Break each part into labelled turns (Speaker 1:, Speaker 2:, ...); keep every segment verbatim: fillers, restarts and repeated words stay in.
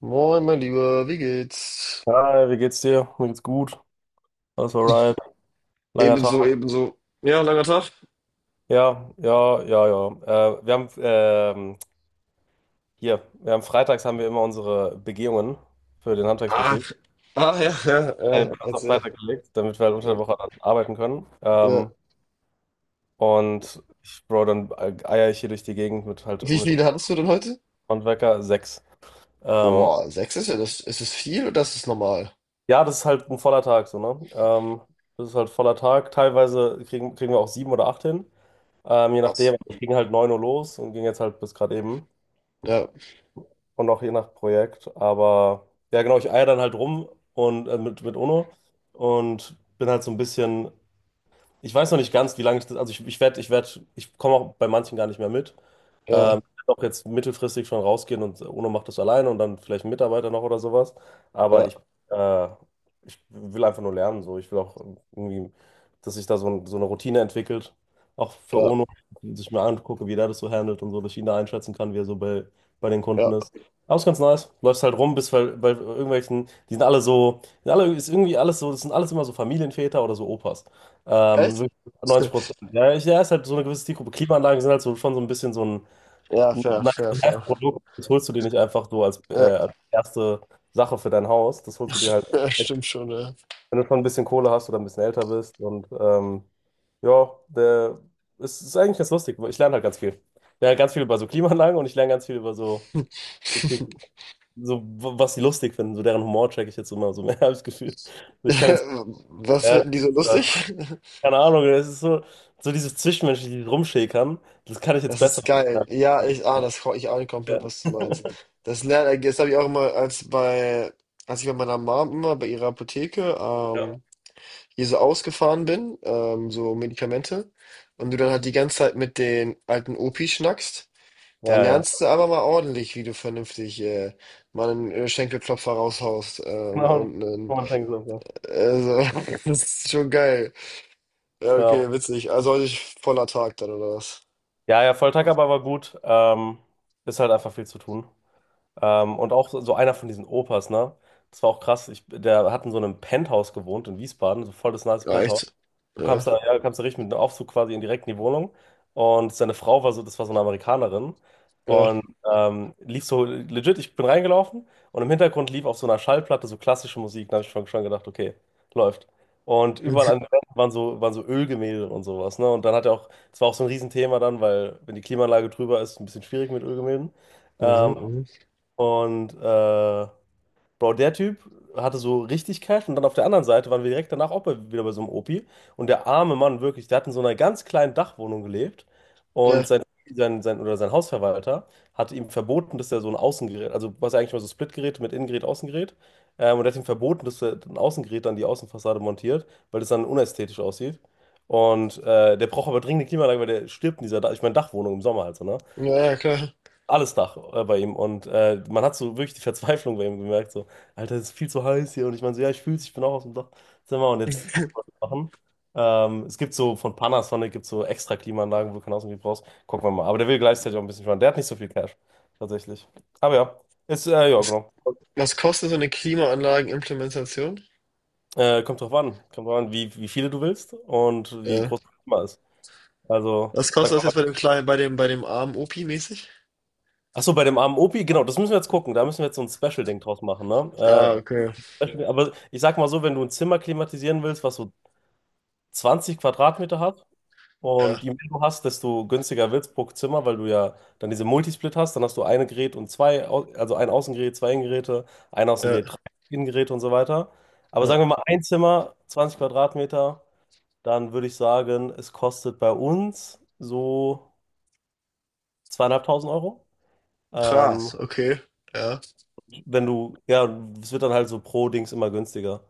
Speaker 1: Moin, mein Lieber, wie geht's?
Speaker 2: Hi, wie geht's dir? Mir geht's gut. Alles alright. Langer
Speaker 1: Ebenso,
Speaker 2: Tag.
Speaker 1: ebenso. Ja, langer Tag.
Speaker 2: Ja, ja, ja, ja. Äh, wir haben ähm, hier, wir haben freitags haben wir immer unsere Begehungen für den
Speaker 1: Ah,
Speaker 2: Handwerksbetrieb.
Speaker 1: ah, ja, ja,
Speaker 2: Äh,
Speaker 1: ja,
Speaker 2: wir haben uns auf
Speaker 1: erzähl.
Speaker 2: Freitag gelegt, damit wir halt unter der
Speaker 1: Ja.
Speaker 2: Woche dann arbeiten können.
Speaker 1: Ja.
Speaker 2: Ähm, und ich, Bro, dann äh, eier ich hier durch die Gegend mit halt
Speaker 1: Wie
Speaker 2: mit
Speaker 1: viele hattest du denn heute?
Speaker 2: Handwerker sechs. Ähm,
Speaker 1: Boah, sechs ist ja das. Ist es viel oder ist es normal?
Speaker 2: ja, das ist halt ein voller Tag, so, ne? Ähm, das ist halt voller Tag. Teilweise kriegen, kriegen wir auch sieben oder acht hin. Ähm, je
Speaker 1: Krass.
Speaker 2: nachdem, wir gingen halt neun Uhr los und gingen jetzt halt bis gerade eben.
Speaker 1: Ja,
Speaker 2: Und auch je nach Projekt. Aber ja, genau, ich eier dann halt rum und äh, mit, mit UNO und bin halt so ein bisschen, ich weiß noch nicht ganz, wie lange ich das, also ich, ich werde, ich werde, ich komme auch bei manchen gar nicht mehr mit. Ähm,
Speaker 1: ja,
Speaker 2: ich werd auch jetzt mittelfristig schon rausgehen und UNO macht das alleine und dann vielleicht ein Mitarbeiter noch oder sowas.
Speaker 1: ja,
Speaker 2: Aber ich, äh, ich will einfach nur lernen, so. Ich will auch irgendwie, dass sich da so, ein, so eine Routine entwickelt, auch für
Speaker 1: ja,
Speaker 2: UNO, dass ich mir angucke, wie der das so handelt und so, dass ich ihn da einschätzen kann, wie er so bei, bei den Kunden
Speaker 1: ja.
Speaker 2: ist. Aber ist ganz nice. Läufst halt rum, bis bei, bei irgendwelchen, die sind alle so, sind alle, ist irgendwie alles so, das sind alles immer so Familienväter oder so Opas. Ähm,
Speaker 1: Echt?
Speaker 2: wirklich neunzig Prozent. Ja, ich, ja, ist halt so eine gewisse Zielgruppe. Klimaanlagen sind halt so, schon so ein bisschen so ein
Speaker 1: Ja, fair, fair, fair.
Speaker 2: Nice-to-have-Produkt. Das holst du dir nicht einfach so als, äh,
Speaker 1: Ja,
Speaker 2: als erste Sache für dein Haus. Das holst du dir halt,
Speaker 1: ja stimmt schon, ja.
Speaker 2: wenn du schon ein bisschen Kohle hast oder ein bisschen älter bist. Und ähm, ja, der, es ist eigentlich ganz lustig. Ich lerne halt ganz viel. Ich lerne ganz viel über so Klimaanlagen und ich lerne ganz viel über so, so, was die lustig finden. So deren Humor check ich jetzt immer so mehr, habe ich das Gefühl. So, ich kann jetzt.
Speaker 1: Was finden die so
Speaker 2: Ja,
Speaker 1: lustig?
Speaker 2: keine Ahnung, es ist so, so dieses Zwischenmenschliche, dieses Rumschäkern, das kann ich jetzt
Speaker 1: Das
Speaker 2: besser.
Speaker 1: ist
Speaker 2: Ja,
Speaker 1: geil. Ja, ich ahne das, ich ahne komplett,
Speaker 2: ja,
Speaker 1: was du meinst. Das lerne, das habe ich auch immer, als bei, als ich bei meiner Mom immer bei ihrer Apotheke
Speaker 2: ja.
Speaker 1: ähm, hier so ausgefahren bin, ähm, so Medikamente, und du dann halt die ganze Zeit mit den alten Opis schnackst, da
Speaker 2: Ja, ja.
Speaker 1: lernst du aber mal ordentlich, wie du vernünftig äh, mal einen äh, Schenkelklopfer raushaust ähm,
Speaker 2: Genau,
Speaker 1: und einen,
Speaker 2: Roman Schenk-Soße.
Speaker 1: also, das ist schon geil. Ja,
Speaker 2: Ja.
Speaker 1: okay, witzig. Also heute ist voller Tag dann, oder was?
Speaker 2: Ja, ja, Volltag-Aber war gut. Ähm, ist halt einfach viel zu tun. Ähm, und auch so einer von diesen Opas, ne? Das war auch krass. Ich, der hat in so einem Penthouse gewohnt in Wiesbaden, so voll das nice Penthouse.
Speaker 1: Reicht.
Speaker 2: Du
Speaker 1: Ja.
Speaker 2: kamst da, ja, du kamst da richtig mit einem Aufzug quasi in direkt in die Wohnung. Und seine Frau war so, das war so eine Amerikanerin.
Speaker 1: Ja.
Speaker 2: Und ähm, lief so legit, ich bin reingelaufen und im Hintergrund lief auf so einer Schallplatte so klassische Musik. Da habe ich schon, schon gedacht, okay, läuft. Und überall an den Wänden waren so, waren so Ölgemälde und sowas. Ne? Und dann hat er auch, das war auch so ein Riesenthema dann, weil wenn die Klimaanlage drüber ist, ein bisschen schwierig mit Ölgemälden.
Speaker 1: Mhm,
Speaker 2: Ähm,
Speaker 1: mhm.
Speaker 2: und äh, Bro, der Typ hatte so richtig Cash und dann auf der anderen Seite waren wir direkt danach auch bei, wieder bei so einem Opi. Und der arme Mann, wirklich, der hat in so einer ganz kleinen Dachwohnung gelebt und
Speaker 1: Ja,
Speaker 2: sein, sein, sein, oder sein Hausverwalter hat ihm verboten, dass er so ein Außengerät, also was eigentlich mal so Splitgerät mit Innengerät, Außengerät, ähm, und er hat ihm verboten, dass er ein Außengerät an die Außenfassade montiert, weil das dann unästhetisch aussieht. Und äh, der braucht aber dringend eine Klimaanlage, weil der stirbt in dieser, Dach- ich meine, Dachwohnung im Sommer halt so, ne?
Speaker 1: ja, ja, klar.
Speaker 2: Alles Dach äh, bei ihm. Und äh, man hat so wirklich die Verzweiflung bei ihm gemerkt, so, Alter, es ist viel zu heiß hier. Und ich meine so, ja, ich fühl's, ich bin auch aus dem Dachzimmer und jetzt gucken wir, was wir machen. Ähm, es gibt so von Panasonic gibt so extra Klimaanlagen, wo du keinen Außengebiet brauchst. Gucken wir mal. Aber der will gleichzeitig auch ein bisschen sparen. Der hat nicht so viel Cash, tatsächlich. Aber ja, ist, äh, ja,
Speaker 1: Was,
Speaker 2: genau.
Speaker 1: was kostet so eine Klimaanlagenimplementation?
Speaker 2: Äh, kommt drauf an. Kommt drauf an, wie, wie viele du willst und wie
Speaker 1: Ja.
Speaker 2: groß das Klima ist. Also,
Speaker 1: Was
Speaker 2: sag
Speaker 1: kostet das
Speaker 2: mal.
Speaker 1: jetzt bei dem kleinen, bei dem, bei dem armen Opi mäßig?
Speaker 2: Achso, bei dem armen Opi, genau, das müssen wir jetzt gucken. Da müssen wir jetzt so ein Special-Ding draus machen,
Speaker 1: Ah,
Speaker 2: ne? Äh,
Speaker 1: okay.
Speaker 2: Beispiel, aber ich sag mal so, wenn du ein Zimmer klimatisieren willst, was so zwanzig Quadratmeter hat, und
Speaker 1: Ja,
Speaker 2: je mehr du hast, desto günstiger wird's pro Zimmer, weil du ja dann diese Multisplit hast, dann hast du ein Gerät und zwei, Au- also ein Außengerät, zwei Innengeräte, ein
Speaker 1: ja,
Speaker 2: Außengerät, drei Innengeräte und so weiter. Aber
Speaker 1: ja.
Speaker 2: sagen wir mal ein Zimmer, zwanzig Quadratmeter, dann würde ich sagen, es kostet bei uns so zweieinhalbtausend Euro. Ähm,
Speaker 1: Krass, okay. Ja.
Speaker 2: wenn du, ja, es wird dann halt so pro Dings immer günstiger.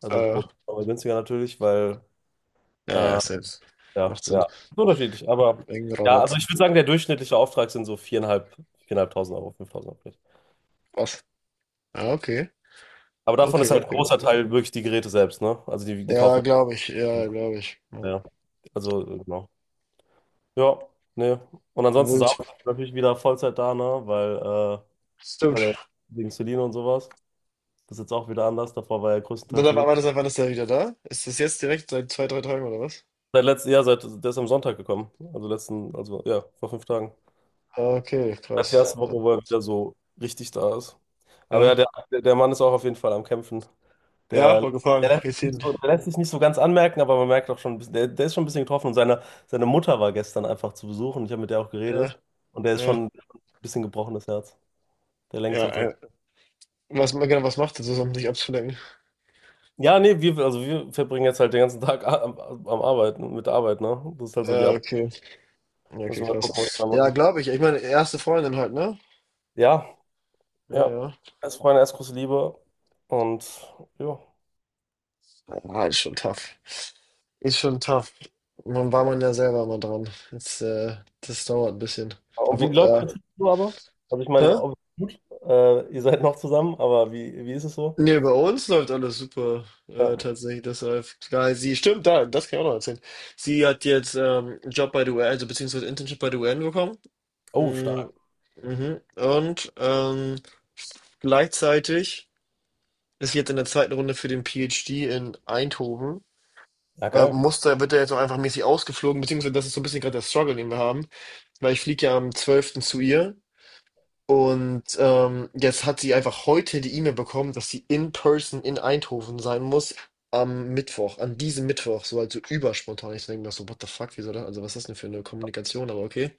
Speaker 2: Also
Speaker 1: Äh,
Speaker 2: pro, aber günstiger natürlich, weil
Speaker 1: ja, ja,
Speaker 2: Äh,
Speaker 1: selbst.
Speaker 2: ja,
Speaker 1: Macht Sinn.
Speaker 2: ja. Ist unterschiedlich, aber
Speaker 1: Irgendein
Speaker 2: ja, also
Speaker 1: Rabatt.
Speaker 2: ich würde sagen, der durchschnittliche Auftrag sind so viereinhalb, viereinhalbtausend Euro, fünftausend Euro.
Speaker 1: Was? Ja, okay.
Speaker 2: Aber davon ist
Speaker 1: Okay,
Speaker 2: halt ein
Speaker 1: okay.
Speaker 2: großer Teil wirklich die Geräte selbst, ne? Also die, die
Speaker 1: Ja,
Speaker 2: kaufen
Speaker 1: glaube ich. Ja,
Speaker 2: wir.
Speaker 1: glaube ich. Ja.
Speaker 2: Ja. Also, äh, genau. Ja, ne. Und ansonsten
Speaker 1: Wild.
Speaker 2: Samuel ist natürlich wieder Vollzeit da, ne? Weil, äh,
Speaker 1: Stimmt.
Speaker 2: weil er wegen Celine und sowas. Das ist jetzt auch wieder anders. Davor war er
Speaker 1: Wann,
Speaker 2: größtenteils in
Speaker 1: wann,
Speaker 2: München.
Speaker 1: wann ist er, wann ist er wieder da? Ist das jetzt direkt seit zwei, drei Tagen oder was?
Speaker 2: Seit letztem Jahr, seit, der ist am Sonntag gekommen. Also letzten, also ja, vor fünf Tagen.
Speaker 1: Ah, okay,
Speaker 2: Als die
Speaker 1: krass.
Speaker 2: erste Woche,
Speaker 1: Ja.
Speaker 2: wo er wieder so richtig da ist. Aber ja,
Speaker 1: Ja,
Speaker 2: der, der Mann ist auch auf jeden Fall am Kämpfen.
Speaker 1: ja,
Speaker 2: Der,
Speaker 1: war
Speaker 2: der
Speaker 1: gefragt.
Speaker 2: lässt
Speaker 1: Jetzt
Speaker 2: sich
Speaker 1: hin.
Speaker 2: nicht so, der lässt sich nicht so ganz anmerken, aber man merkt auch schon, ein bisschen- der, der ist schon ein bisschen getroffen. Und seine, seine Mutter war gestern einfach zu Besuch und ich habe mit der auch
Speaker 1: Ja,
Speaker 2: geredet. Und der ist
Speaker 1: ja,
Speaker 2: schon ein bisschen gebrochenes Herz. Der lenkt
Speaker 1: ja,
Speaker 2: jetzt aber.
Speaker 1: äh, was genau, was macht ihr so, um dich abzulenken?
Speaker 2: Ja, nee, wir, also wir verbringen jetzt halt den ganzen Tag am, am Arbeiten, mit der Arbeit, ne? Das ist halt so die
Speaker 1: Ja,
Speaker 2: Ab.
Speaker 1: okay. Ja, okay,
Speaker 2: Müssen wir mal gucken, was
Speaker 1: krass.
Speaker 2: wir
Speaker 1: Ja,
Speaker 2: machen.
Speaker 1: glaube ich. Ich meine, erste Freundin halt, ne?
Speaker 2: Ja,
Speaker 1: Ja,
Speaker 2: ja.
Speaker 1: ja.
Speaker 2: Als Freunde, als große Liebe. Und ja.
Speaker 1: Ah, ist schon tough. Ist schon tough. Man war man ja selber mal dran. Jetzt, äh, das dauert ein bisschen.
Speaker 2: Und wie
Speaker 1: Obwohl,
Speaker 2: läuft
Speaker 1: ja.
Speaker 2: es so aber? Also ich meine,
Speaker 1: Hä?
Speaker 2: ob- gut, äh, ihr seid noch zusammen, aber wie, wie ist es so?
Speaker 1: Nee, bei uns läuft alles super, äh,
Speaker 2: Ja.
Speaker 1: tatsächlich. Das läuft geil. Sie, stimmt, da, das kann ich auch noch erzählen. Sie hat jetzt ähm, einen Job bei der U N, also beziehungsweise Internship bei der U N bekommen.
Speaker 2: Oh,
Speaker 1: Mm,
Speaker 2: stark.
Speaker 1: mhm. Und ähm, gleichzeitig ist jetzt in der zweiten Runde für den PhD in Eindhoven,
Speaker 2: Ja,
Speaker 1: äh,
Speaker 2: geil.
Speaker 1: muss da, wird er jetzt auch einfach mäßig ausgeflogen, beziehungsweise das ist so ein bisschen gerade der Struggle, den wir haben, weil ich fliege ja am zwölften zu ihr und ähm, jetzt hat sie einfach heute die E-Mail bekommen, dass sie in person in Eindhoven sein muss am Mittwoch, an diesem Mittwoch, so halt so überspontan. Ich denke mir so, what the fuck, wieso das? Also was ist das denn für eine Kommunikation, aber okay.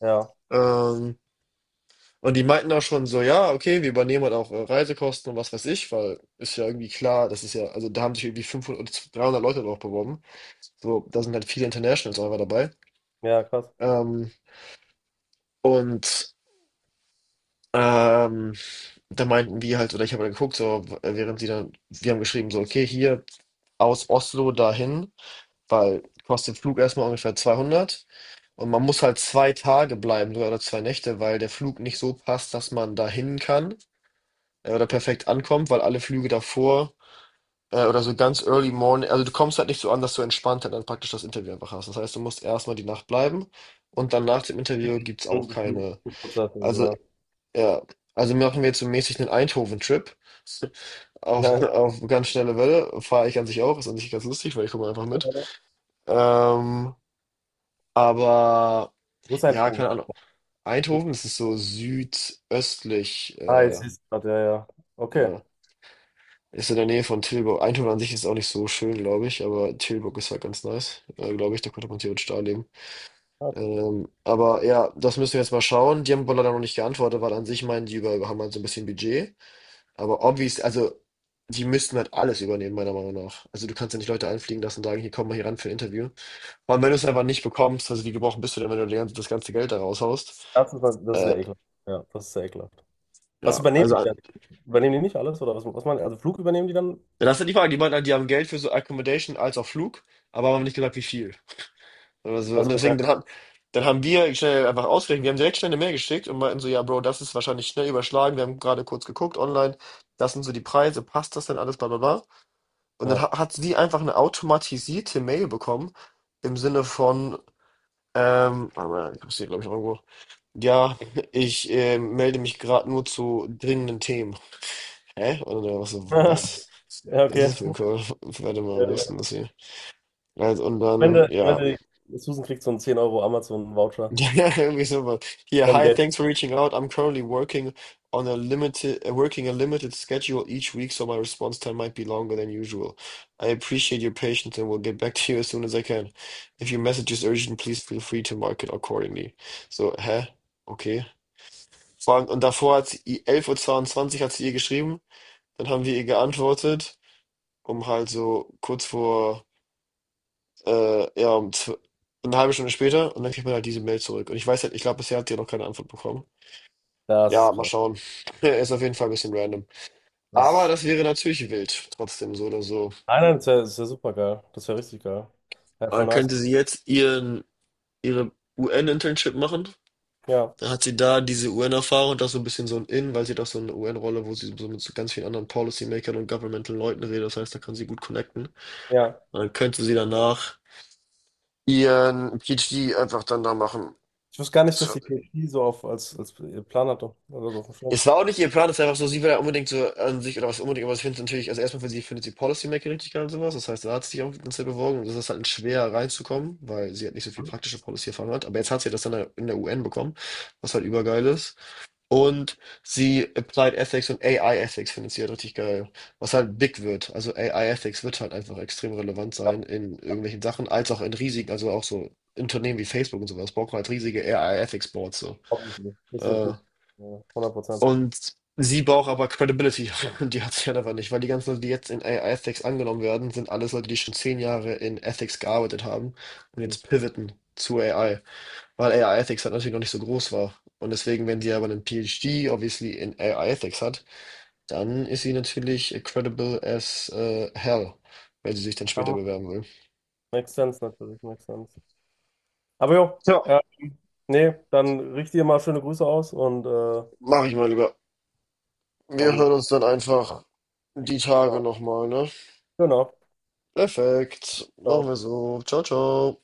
Speaker 2: Ja,
Speaker 1: Ähm, und die meinten auch schon so, ja, okay, wir übernehmen halt auch äh, Reisekosten und was weiß ich, weil ist ja irgendwie klar, das ist ja, also da haben sich irgendwie fünfhundert, oder dreihundert Leute drauf beworben. So, da sind halt viele Internationals auch einfach dabei.
Speaker 2: ja, krass.
Speaker 1: Ähm, und ähm, da meinten wir halt, oder ich habe dann geguckt, so, w- während sie dann, wir haben geschrieben, so, okay, hier aus Oslo dahin, weil kostet Flug erstmal ungefähr zweihundert. Und man muss halt zwei Tage bleiben, sogar oder zwei Nächte, weil der Flug nicht so passt, dass man dahin kann. äh, oder perfekt ankommt, weil alle Flüge davor äh, oder so ganz early morning, also du kommst halt nicht so an, dass du entspannt halt dann praktisch das Interview einfach hast. Das heißt, du musst erstmal die Nacht bleiben und dann nach dem Interview gibt's auch
Speaker 2: Mhm, mhm.
Speaker 1: keine,
Speaker 2: Prozess, also,
Speaker 1: also
Speaker 2: ja.
Speaker 1: ja, also machen wir jetzt so mäßig einen Eindhoven-Trip auf,
Speaker 2: Na,
Speaker 1: auf ganz schnelle Welle, fahre ich an sich auch, ist an sich ganz lustig, weil ich komme einfach mit. Ähm, aber
Speaker 2: wo ist ein
Speaker 1: ja,
Speaker 2: Trubel?
Speaker 1: keine Ahnung. Eindhoven, das ist so südöstlich,
Speaker 2: Ah, jetzt
Speaker 1: äh,
Speaker 2: siehst du gerade, ja, ja. Okay.
Speaker 1: ja. Ist in der Nähe von Tilburg. Eindhoven an sich ist auch nicht so schön, glaube ich, aber Tilburg ist halt ganz nice, äh, glaube ich. Da könnte man theoretisch da leben.
Speaker 2: Krass.
Speaker 1: Ähm, aber ja, das müssen wir jetzt mal schauen. Die haben wohl leider noch nicht geantwortet, weil an sich meinen die über, haben halt so ein bisschen Budget. Aber obvious, also die müssten halt alles übernehmen, meiner Meinung nach. Also du kannst ja nicht Leute einfliegen lassen und sagen, hier komm mal hier ran für ein Interview. Vor allem, wenn du es einfach nicht bekommst, also wie gebrochen bist du denn, wenn du die ganze- das ganze Geld da raushaust?
Speaker 2: Das ist, das ist
Speaker 1: Äh,
Speaker 2: sehr ekelhaft. Ja, das ist sehr ekelhaft. Was
Speaker 1: ja,
Speaker 2: übernehmen
Speaker 1: also
Speaker 2: die
Speaker 1: äh,
Speaker 2: dann? Übernehmen die nicht alles? Oder was, was man, also Flug übernehmen die dann?
Speaker 1: das ist ja die Frage. Die meinten, halt, die haben Geld für so Accommodation als auch Flug, aber haben nicht gesagt, wie viel. Oder so. Und
Speaker 2: Achso, okay.
Speaker 1: deswegen, dann haben, dann haben wir schnell einfach ausgerechnet, wir haben direkt schnell eine Mail geschickt und meinten so, ja, Bro, das ist wahrscheinlich schnell überschlagen, wir haben gerade kurz geguckt online, das sind so die Preise, passt das denn alles, bla bla bla. Und dann
Speaker 2: Ja.
Speaker 1: ha- hat sie einfach eine automatisierte Mail bekommen, im Sinne von, ähm, warte mal, ich hab's hier, glaube ich, noch irgendwo. Ja, ich äh, melde mich gerade nur zu dringenden Themen. Hä? Und dann war so, was?
Speaker 2: Ja,
Speaker 1: Das
Speaker 2: okay.
Speaker 1: ist für ein Call. Warte mal, wo ist denn
Speaker 2: Äh,
Speaker 1: das hier? Also, und
Speaker 2: Wenn
Speaker 1: dann,
Speaker 2: du, wenn
Speaker 1: ja.
Speaker 2: du, Susan kriegt so einen zehn Euro Amazon-Voucher.
Speaker 1: Ja, irgendwie sowas. Hier,
Speaker 2: Am
Speaker 1: hi,
Speaker 2: Geld.
Speaker 1: thanks for reaching out. I'm currently working on a limited, uh, working a limited schedule each week, so my response time might be longer than usual. I appreciate your patience and will get back to you as soon as I can. If your message is urgent, please feel free to mark it accordingly. So, hä? Okay. Vor allem- Und davor hat sie, i- 11.22 Uhr zweiundzwanzig hat sie ihr geschrieben, dann haben wir ihr geantwortet, um halt so kurz vor, äh, ja, um zw- eine halbe Stunde später, und dann kriegt man halt diese Mail zurück. Und ich weiß halt, ich glaube, bisher hat sie ja noch keine Antwort bekommen.
Speaker 2: Das ist
Speaker 1: Ja, mal
Speaker 2: krass.
Speaker 1: schauen. ist auf jeden Fall ein bisschen random. Aber
Speaker 2: Das
Speaker 1: das wäre natürlich wild, trotzdem so oder so.
Speaker 2: Nein, nein, das wäre wär das wär super geil. Das wäre richtig geil. Ja, voll
Speaker 1: Dann
Speaker 2: nice.
Speaker 1: könnte sie jetzt ihren, ihre U N-Internship machen.
Speaker 2: Ja,
Speaker 1: Dann hat sie da diese U N-Erfahrung und das so ein bisschen so ein In, weil sie doch so eine U N-Rolle, wo sie so mit so ganz vielen anderen Policymakern und Governmental-Leuten redet. Das heißt, da kann sie gut connecten.
Speaker 2: ja.
Speaker 1: Und dann könnte sie danach ihren PhD einfach dann da machen.
Speaker 2: Ich wusste gar nicht, dass die P S P so auf, als, als Plan hatte oder so auf dem Schirm.
Speaker 1: Es war auch nicht ihr Plan, es ist einfach so, sie will ja unbedingt so an sich oder was unbedingt, aber ich finde natürlich, also erstmal für sie findet sie Policymaking richtig geil und sowas. Das heißt, da hat sie sich auch ganz sehr beworben und es ist halt schwer reinzukommen, weil sie halt nicht so viel praktische Policy-Erfahrung hat. Aber jetzt hat sie das dann in der U N bekommen, was halt übergeil ist. Und sie Applied Ethics und A I Ethics findet sie halt richtig geil, was halt big wird. Also A I Ethics wird halt einfach extrem relevant
Speaker 2: Ja,
Speaker 1: sein in irgendwelchen Sachen, als auch in riesigen, also auch so Unternehmen wie Facebook und sowas, brauchen halt riesige A I Ethics Boards so.
Speaker 2: obviously. Das wird
Speaker 1: Äh,
Speaker 2: gut. Ja, hundert Prozent.
Speaker 1: und sie braucht aber Credibility. Und die hat sie halt einfach nicht, weil die ganzen Leute, die jetzt in A I Ethics angenommen werden, sind alles Leute, die schon zehn Jahre in Ethics gearbeitet haben und
Speaker 2: Mhm.
Speaker 1: jetzt pivoten zu A I, weil A I Ethics halt natürlich noch nicht so groß war. Und deswegen, wenn sie aber einen PhD obviously in A I Ethics hat, dann ist sie natürlich credible as äh, hell, wenn sie sich dann
Speaker 2: Ja,
Speaker 1: später
Speaker 2: macht-
Speaker 1: bewerben will.
Speaker 2: makes sense natürlich, makes sense. Aber jo,
Speaker 1: Ja,
Speaker 2: äh, nee, dann richte dir mal schöne Grüße aus und äh,
Speaker 1: mach ich mal lieber. Wir
Speaker 2: hoffentlich.
Speaker 1: hören uns dann einfach die Tage nochmal, ne?
Speaker 2: Genau.
Speaker 1: Perfekt. Machen wir
Speaker 2: Ciao.
Speaker 1: so. Ciao, ciao.